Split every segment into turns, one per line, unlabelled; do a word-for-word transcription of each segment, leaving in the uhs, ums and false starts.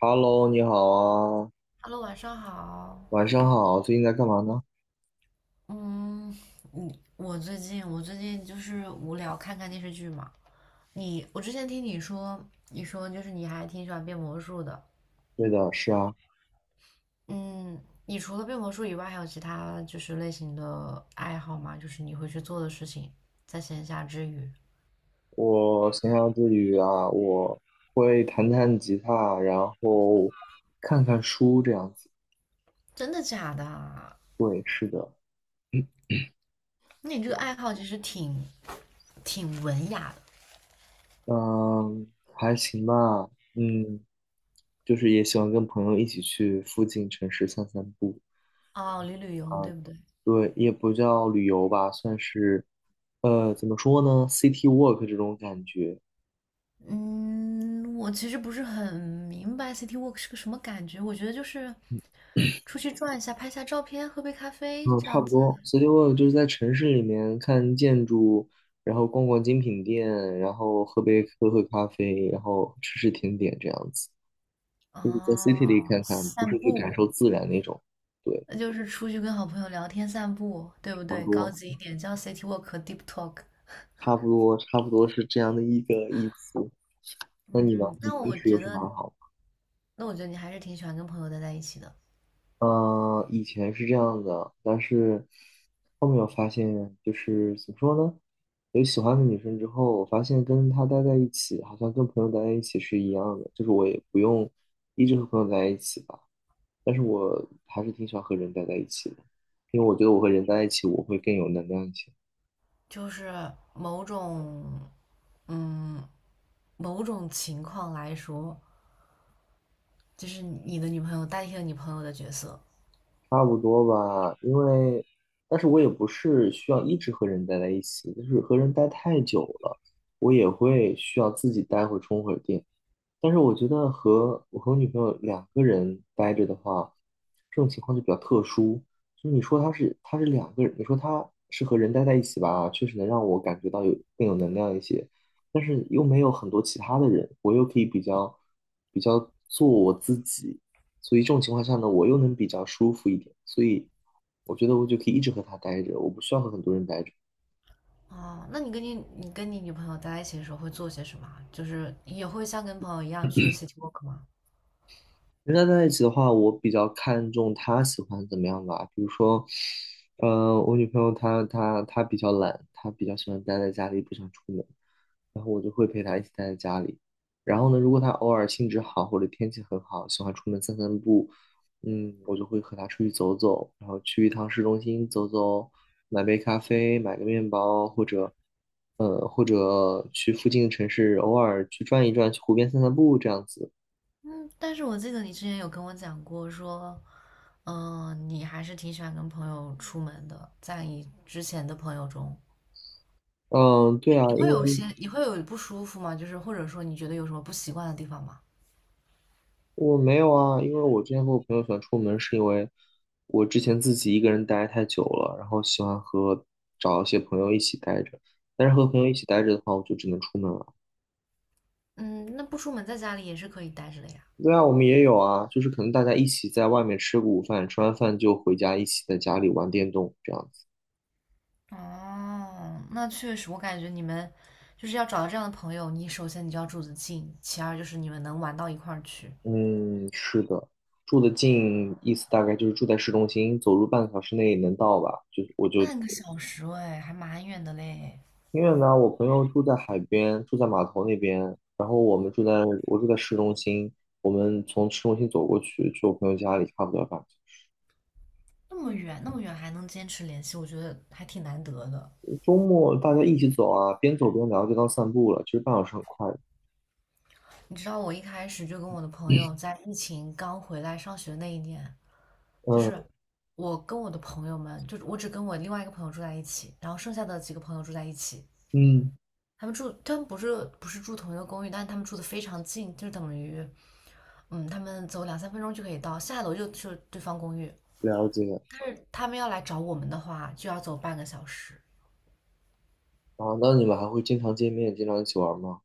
Hello，你好啊，
Hello，晚上好。
晚上好，最近在干嘛呢？
嗯，你我最近我最近就是无聊，看看电视剧嘛。你我之前听你说，你说就是你还挺喜欢变魔术的。
对的，是啊，
嗯，你除了变魔术以外，还有其他就是类型的爱好吗？就是你会去做的事情，在闲暇之余。
我闲暇之余啊，我会弹弹吉他，然后看看书这样子。
真的假的啊？
对，是的，
那你这个爱好其实挺挺文雅
嗯，还行吧，嗯，就是也喜欢跟朋友一起去附近城市散散步。
的哦，旅旅游对不对？
对，也不叫旅游吧，算是，呃，怎么说呢，city walk 这种感觉。
嗯，我其实不是很明白 City Walk 是个什么感觉，我觉得就是出去转一下，拍下照片，喝杯咖啡
嗯，
这
差
样
不
子
多。所以，t y 就是在城市里面看建筑，然后逛逛精品店，然后喝杯喝喝咖啡，然后吃吃甜点这样子，
哦，
地里看看，不
散
是去感
步，
受自然那种。对，
那就是出去跟好朋友聊天散步，对不
差不
对？高
多，
级一点叫 City Walk 和 Deep Talk。
差不多，差不多是这样的一个意思。那你呢？
嗯，
你
那
平
我
时
觉
有什
得，
么爱好吗？
那我觉得你还是挺喜欢跟朋友待在一起的，
嗯、以前是这样的，但是后面我发现，就是怎么说呢？有喜欢的女生之后，我发现跟她待在一起，好像跟朋友待在一起是一样的，就是我也不用一直和朋友在一起吧。但是我还是挺喜欢和人待在一起的，因为我觉得我和人待在一起，我会更有能量一些。
就是某种，嗯，某种情况来说，就是你的女朋友代替了你朋友的角色。
差不多吧，因为，但是我也不是需要一直和人待在一起，就是和人待太久了，我也会需要自己待会充会儿电。但是我觉得和我和我女朋友两个人待着的话，这种情况就比较特殊。就是你说她是她是两个人，你说她是和人待在一起吧，确实能让我感觉到有更有能量一些，但是又没有很多其他的人，我又可以比较比较做我自己，所以这种情况下呢，我又能比较舒服一点，所以我觉得我就可以一直和她待着，我不需要和很多人待着。
哦，那你跟你你跟你女朋友待在一起的时候会做些什么啊，就是也会像跟朋友一样去 city walk 吗？
人家在一起的话，我比较看重她喜欢怎么样吧。比如说，呃，我女朋友她她她比较懒，她比较喜欢待在家里，不想出门，然后我就会陪她一起待在家里。然后呢，如果她偶尔兴致好或者天气很好，喜欢出门散散步，嗯，我就会和她出去走走，然后去一趟市中心走走，买杯咖啡，买个面包，或者，呃，或者去附近的城市偶尔去转一转，去湖边散散步这样子。
嗯，但是我记得你之前有跟我讲过说，嗯、你还是挺喜欢跟朋友出门的，在你之前的朋友中，
嗯，对啊，
你
因
会有
为。
些你会有不舒服吗？就是或者说你觉得有什么不习惯的地方吗？
我没有啊，因为我之前和我朋友喜欢出门，是因为我之前自己一个人待太久了，然后喜欢和找一些朋友一起待着。但是和朋友一起待着的话，我就只能出门了。
嗯，那不出门在家里也是可以待着的呀。
对啊，我们也有啊，就是可能大家一起在外面吃个午饭，吃完饭就回家，一起在家里玩电动这样子。
哦，那确实，我感觉你们就是要找到这样的朋友，你首先你就要住得近，其二就是你们能玩到一块儿去。
嗯，是的，住得近，意思大概就是住在市中心，走路半个小时内能到吧？就我就
半个小时哎，还蛮远的嘞，
挺远的，我朋友住在海边，住在码头那边，然后我们住在我住在市中心，我们从市中心走过去，去我朋友家里差不多吧。个小时
那么远那么远还能坚持联系，我觉得还挺难得的。
周末大家一起走啊，边走边聊，就当散步了，其实半小时很快的。
你知道我一开始就跟我的朋友在疫情刚回来上学那一年，就
嗯
是我跟我的朋友们，就是我只跟我另外一个朋友住在一起，然后剩下的几个朋友住在一起。
嗯，
他们住，他们不是不是住同一个公寓，但是他们住的非常近，就等于，嗯，他们走两三分钟就可以到，下楼就去对方公寓。
了解。
但是他们要来找我们的话，就要走半个小时。
啊，那你们还会经常见面，经常一起玩吗？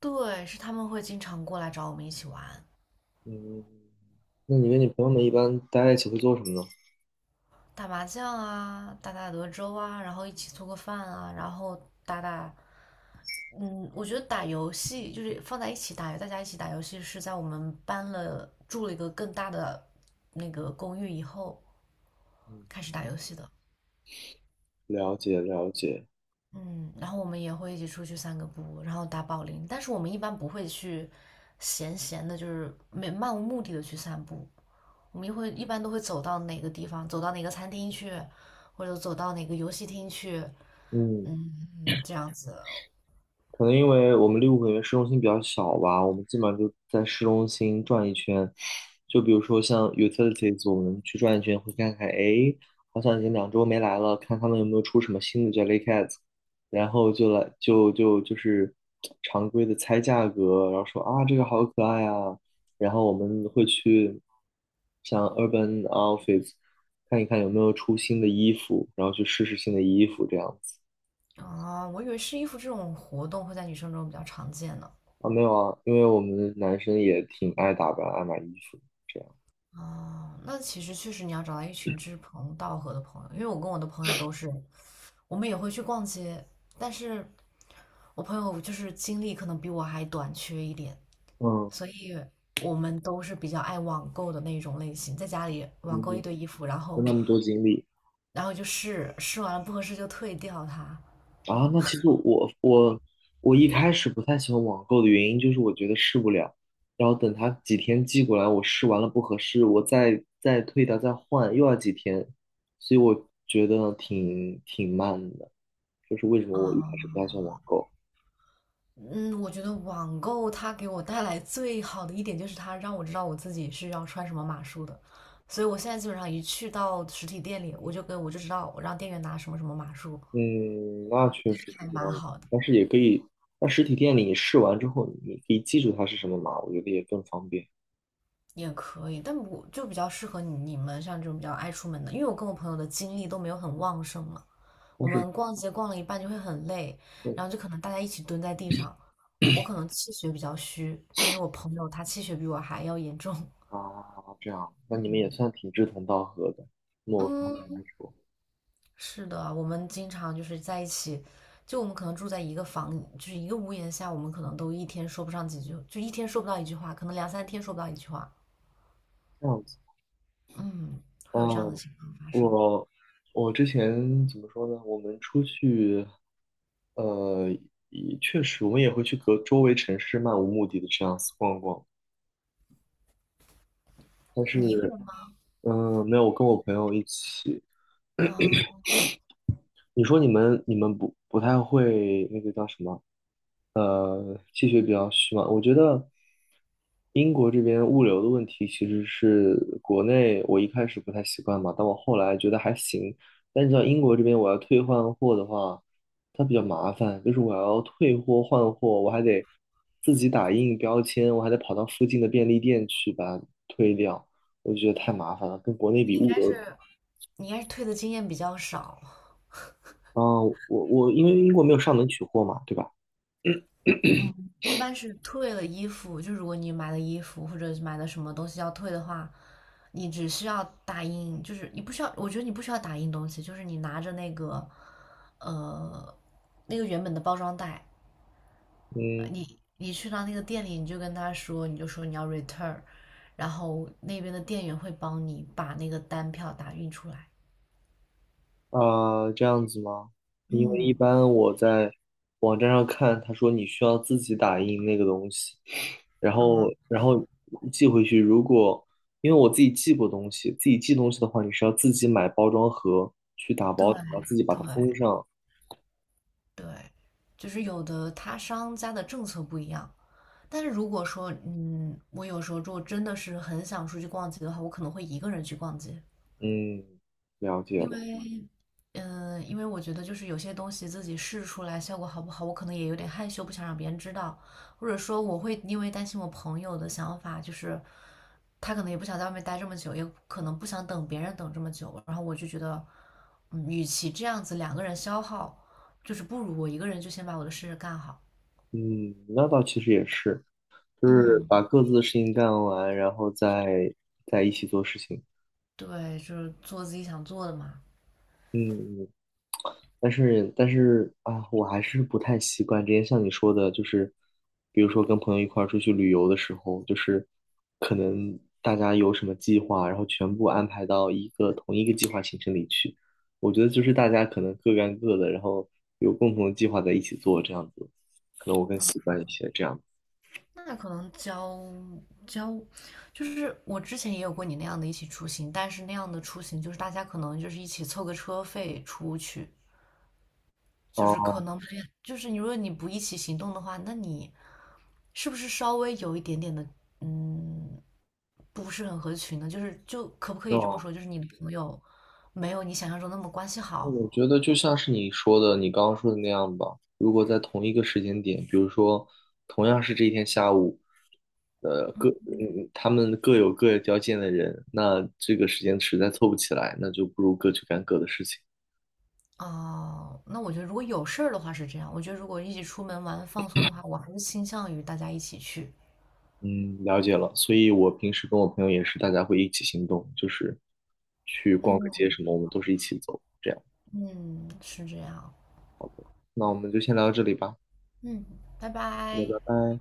对，是他们会经常过来找我们一起玩，
嗯，那你跟你朋友们一般待在一起会做什么呢？
打麻将啊，打打德州啊，然后一起做个饭啊，然后打打，嗯，我觉得打游戏就是放在一起打，大家一起打游戏是在我们搬了住了一个更大的那个公寓以后
嗯，
开始打游戏的。
了解了解。
嗯，然后我们也会一起出去散个步，然后打保龄，但是我们一般不会去闲闲的，就是没漫无目的的去散步，我们一会一般都会走到哪个地方，走到哪个餐厅去，或者走到哪个游戏厅去，
嗯。
嗯，这样子。
可能因为我们利物浦因为市中心比较小吧，我们基本上就在市中心转一圈。就比如说像 utilities，我们去转一圈，会看看，诶，好像已经两周没来了，看他们有没有出什么新的 Jellycat，然后就来就就就是常规的猜价格，然后说啊这个好可爱啊，然后我们会去像 Urban Outfits 看一看有没有出新的衣服，然后去试试新的衣服这样子。
啊，我以为试衣服这种活动会在女生中比较常见呢。
啊，没有啊，因为我们男生也挺爱打扮、爱买衣服，这样。
啊，那其实确实你要找到一群志同道合的朋友，因为我跟我的朋友都是，我们也会去逛街，但是我朋友就是精力可能比我还短缺一点，
嗯，
所以我们都是比较爱网购的那种类型，在家里网购一
嗯，
堆衣服，然
跟
后
他们多经历
然后就试试完了不合适就退掉它。
啊。那其实我我我一开始不太喜欢网购的原因就是我觉得试不了，然后等他几天寄过来，我试完了不合适，我再再退掉再换，又要几天，所以我觉得挺挺慢的，就是为什么我一开始不太喜
啊、
欢网购。
嗯，我觉得网购它给我带来最好的一点就是它让我知道我自己是要穿什么码数的，所以我现在基本上一去到实体店里，我就跟我就知道我让店员拿什么什么码数，
嗯，那确实
还
是这
蛮
样的，
好的，
但是也可以，在实体店里试完之后，你可以记住它是什么码，我觉得也更方便。
也可以。但我就比较适合你你们像这种比较爱出门的，因为我跟我朋友的精力都没有很旺盛嘛，
但
我
是，
们逛街逛了一半就会很累，
对
然后就可能大家一起蹲在地上，我可能气血比较虚，但是我朋友他气血比我还要严重。
啊，这样，那你们也算挺志同道合的，某方面来
嗯，
说，
是的，我们经常就是在一起，就我们可能住在一个房，就是一个屋檐下，我们可能都一天说不上几句，就一天说不到一句话，可能两三天说不到一句话。
这样子。
嗯，会有这样的
嗯，
情况发生。
我我之前怎么说呢？我们出去，呃，也确实我们也会去隔周围城市漫无目的的这样子逛逛，但
你一个
是，
人吗？
嗯，没有，我跟我朋友一起。
啊，
你说你们你们不不太会那个叫什么？呃，气血比较虚嘛。我觉得英国这边物流的问题其实是国内我一开始不太习惯嘛，但我后来觉得还行。但是到英国这边我要退换货的话，它比较麻烦，就是我要退货换货，我还得自己打印标签，我还得跑到附近的便利店去把它退掉，我就觉得太麻烦了，跟国内
你
比
应
物
该
流。
是你应该是退的经验比较少。
啊，我我因为英国没有上门取货嘛，对吧？
一般是退了衣服，就如果你买了衣服或者是买了什么东西要退的话，你只需要打印，就是你不需要，我觉得你不需要打印东西，就是你拿着那个，呃，那个原本的包装袋，呃
嗯，
你你去到那个店里，你就跟他说，你就说你要 return，然后那边的店员会帮你把那个单票打印出来。
啊，这样子吗？因为一
嗯
般我在网站上看，他说你需要自己打印那个东西，然
嗯，
后然后寄回去。如果因为我自己寄过东西，自己寄东西的话，你是要自己买包装盒去打
对
包然后自己把
对
它封上。
对，就是有的他商家的政策不一样。但是如果说，嗯，我有时候如果真的是很想出去逛街的话，我可能会一个人去逛街，
嗯，了解
因
了。
为，嗯、因为我觉得就是有些东西自己试出来效果好不好，我可能也有点害羞，不想让别人知道，或者说我会因为担心我朋友的想法，就是他可能也不想在外面待这么久，也可能不想等别人等这么久，然后我就觉得，嗯，与其这样子两个人消耗，就是不如我一个人就先把我的事干好，
嗯，那倒其实也是，就是
嗯，
把各自的事情干完，然后再再一起做事情。
对，就是做自己想做的嘛。
嗯，嗯但是但是啊，我还是不太习惯。之前像你说的，就是比如说跟朋友一块儿出去旅游的时候，就是可能大家有什么计划，然后全部安排到一个同一个计划行程里去。我觉得就是大家可能各干各的，然后有共同的计划在一起做，这样子，可能我更习惯一些这样。
那可能交交，就是我之前也有过你那样的一起出行，但是那样的出行就是大家可能就是一起凑个车费出去，就是
哦，
可能没有就是你如果你不一起行动的话，那你是不是稍微有一点点的嗯不是很合群呢？就是就可不可以这么
那
说，就是你的朋友没有你想象中那么关系好。
我觉得就像是你说的，你刚刚说的那样吧。如果在同一个时间点，比如说同样是这一天下午，呃，各嗯，他们各有各交见的人，那这个时间实在凑不起来，那就不如各去干各的事情。
啊？那我觉得如果有事儿的话是这样，我觉得如果一起出门玩放松的话，我还是倾向于大家一起去。
嗯，了解了。所以我平时跟我朋友也是，大家会一起行动，就是去逛个街
嗯。
什么，我们都是一起走，这样。
嗯，是这样。
那我们就先聊到这里吧，
嗯，拜
好
拜。
的拜拜。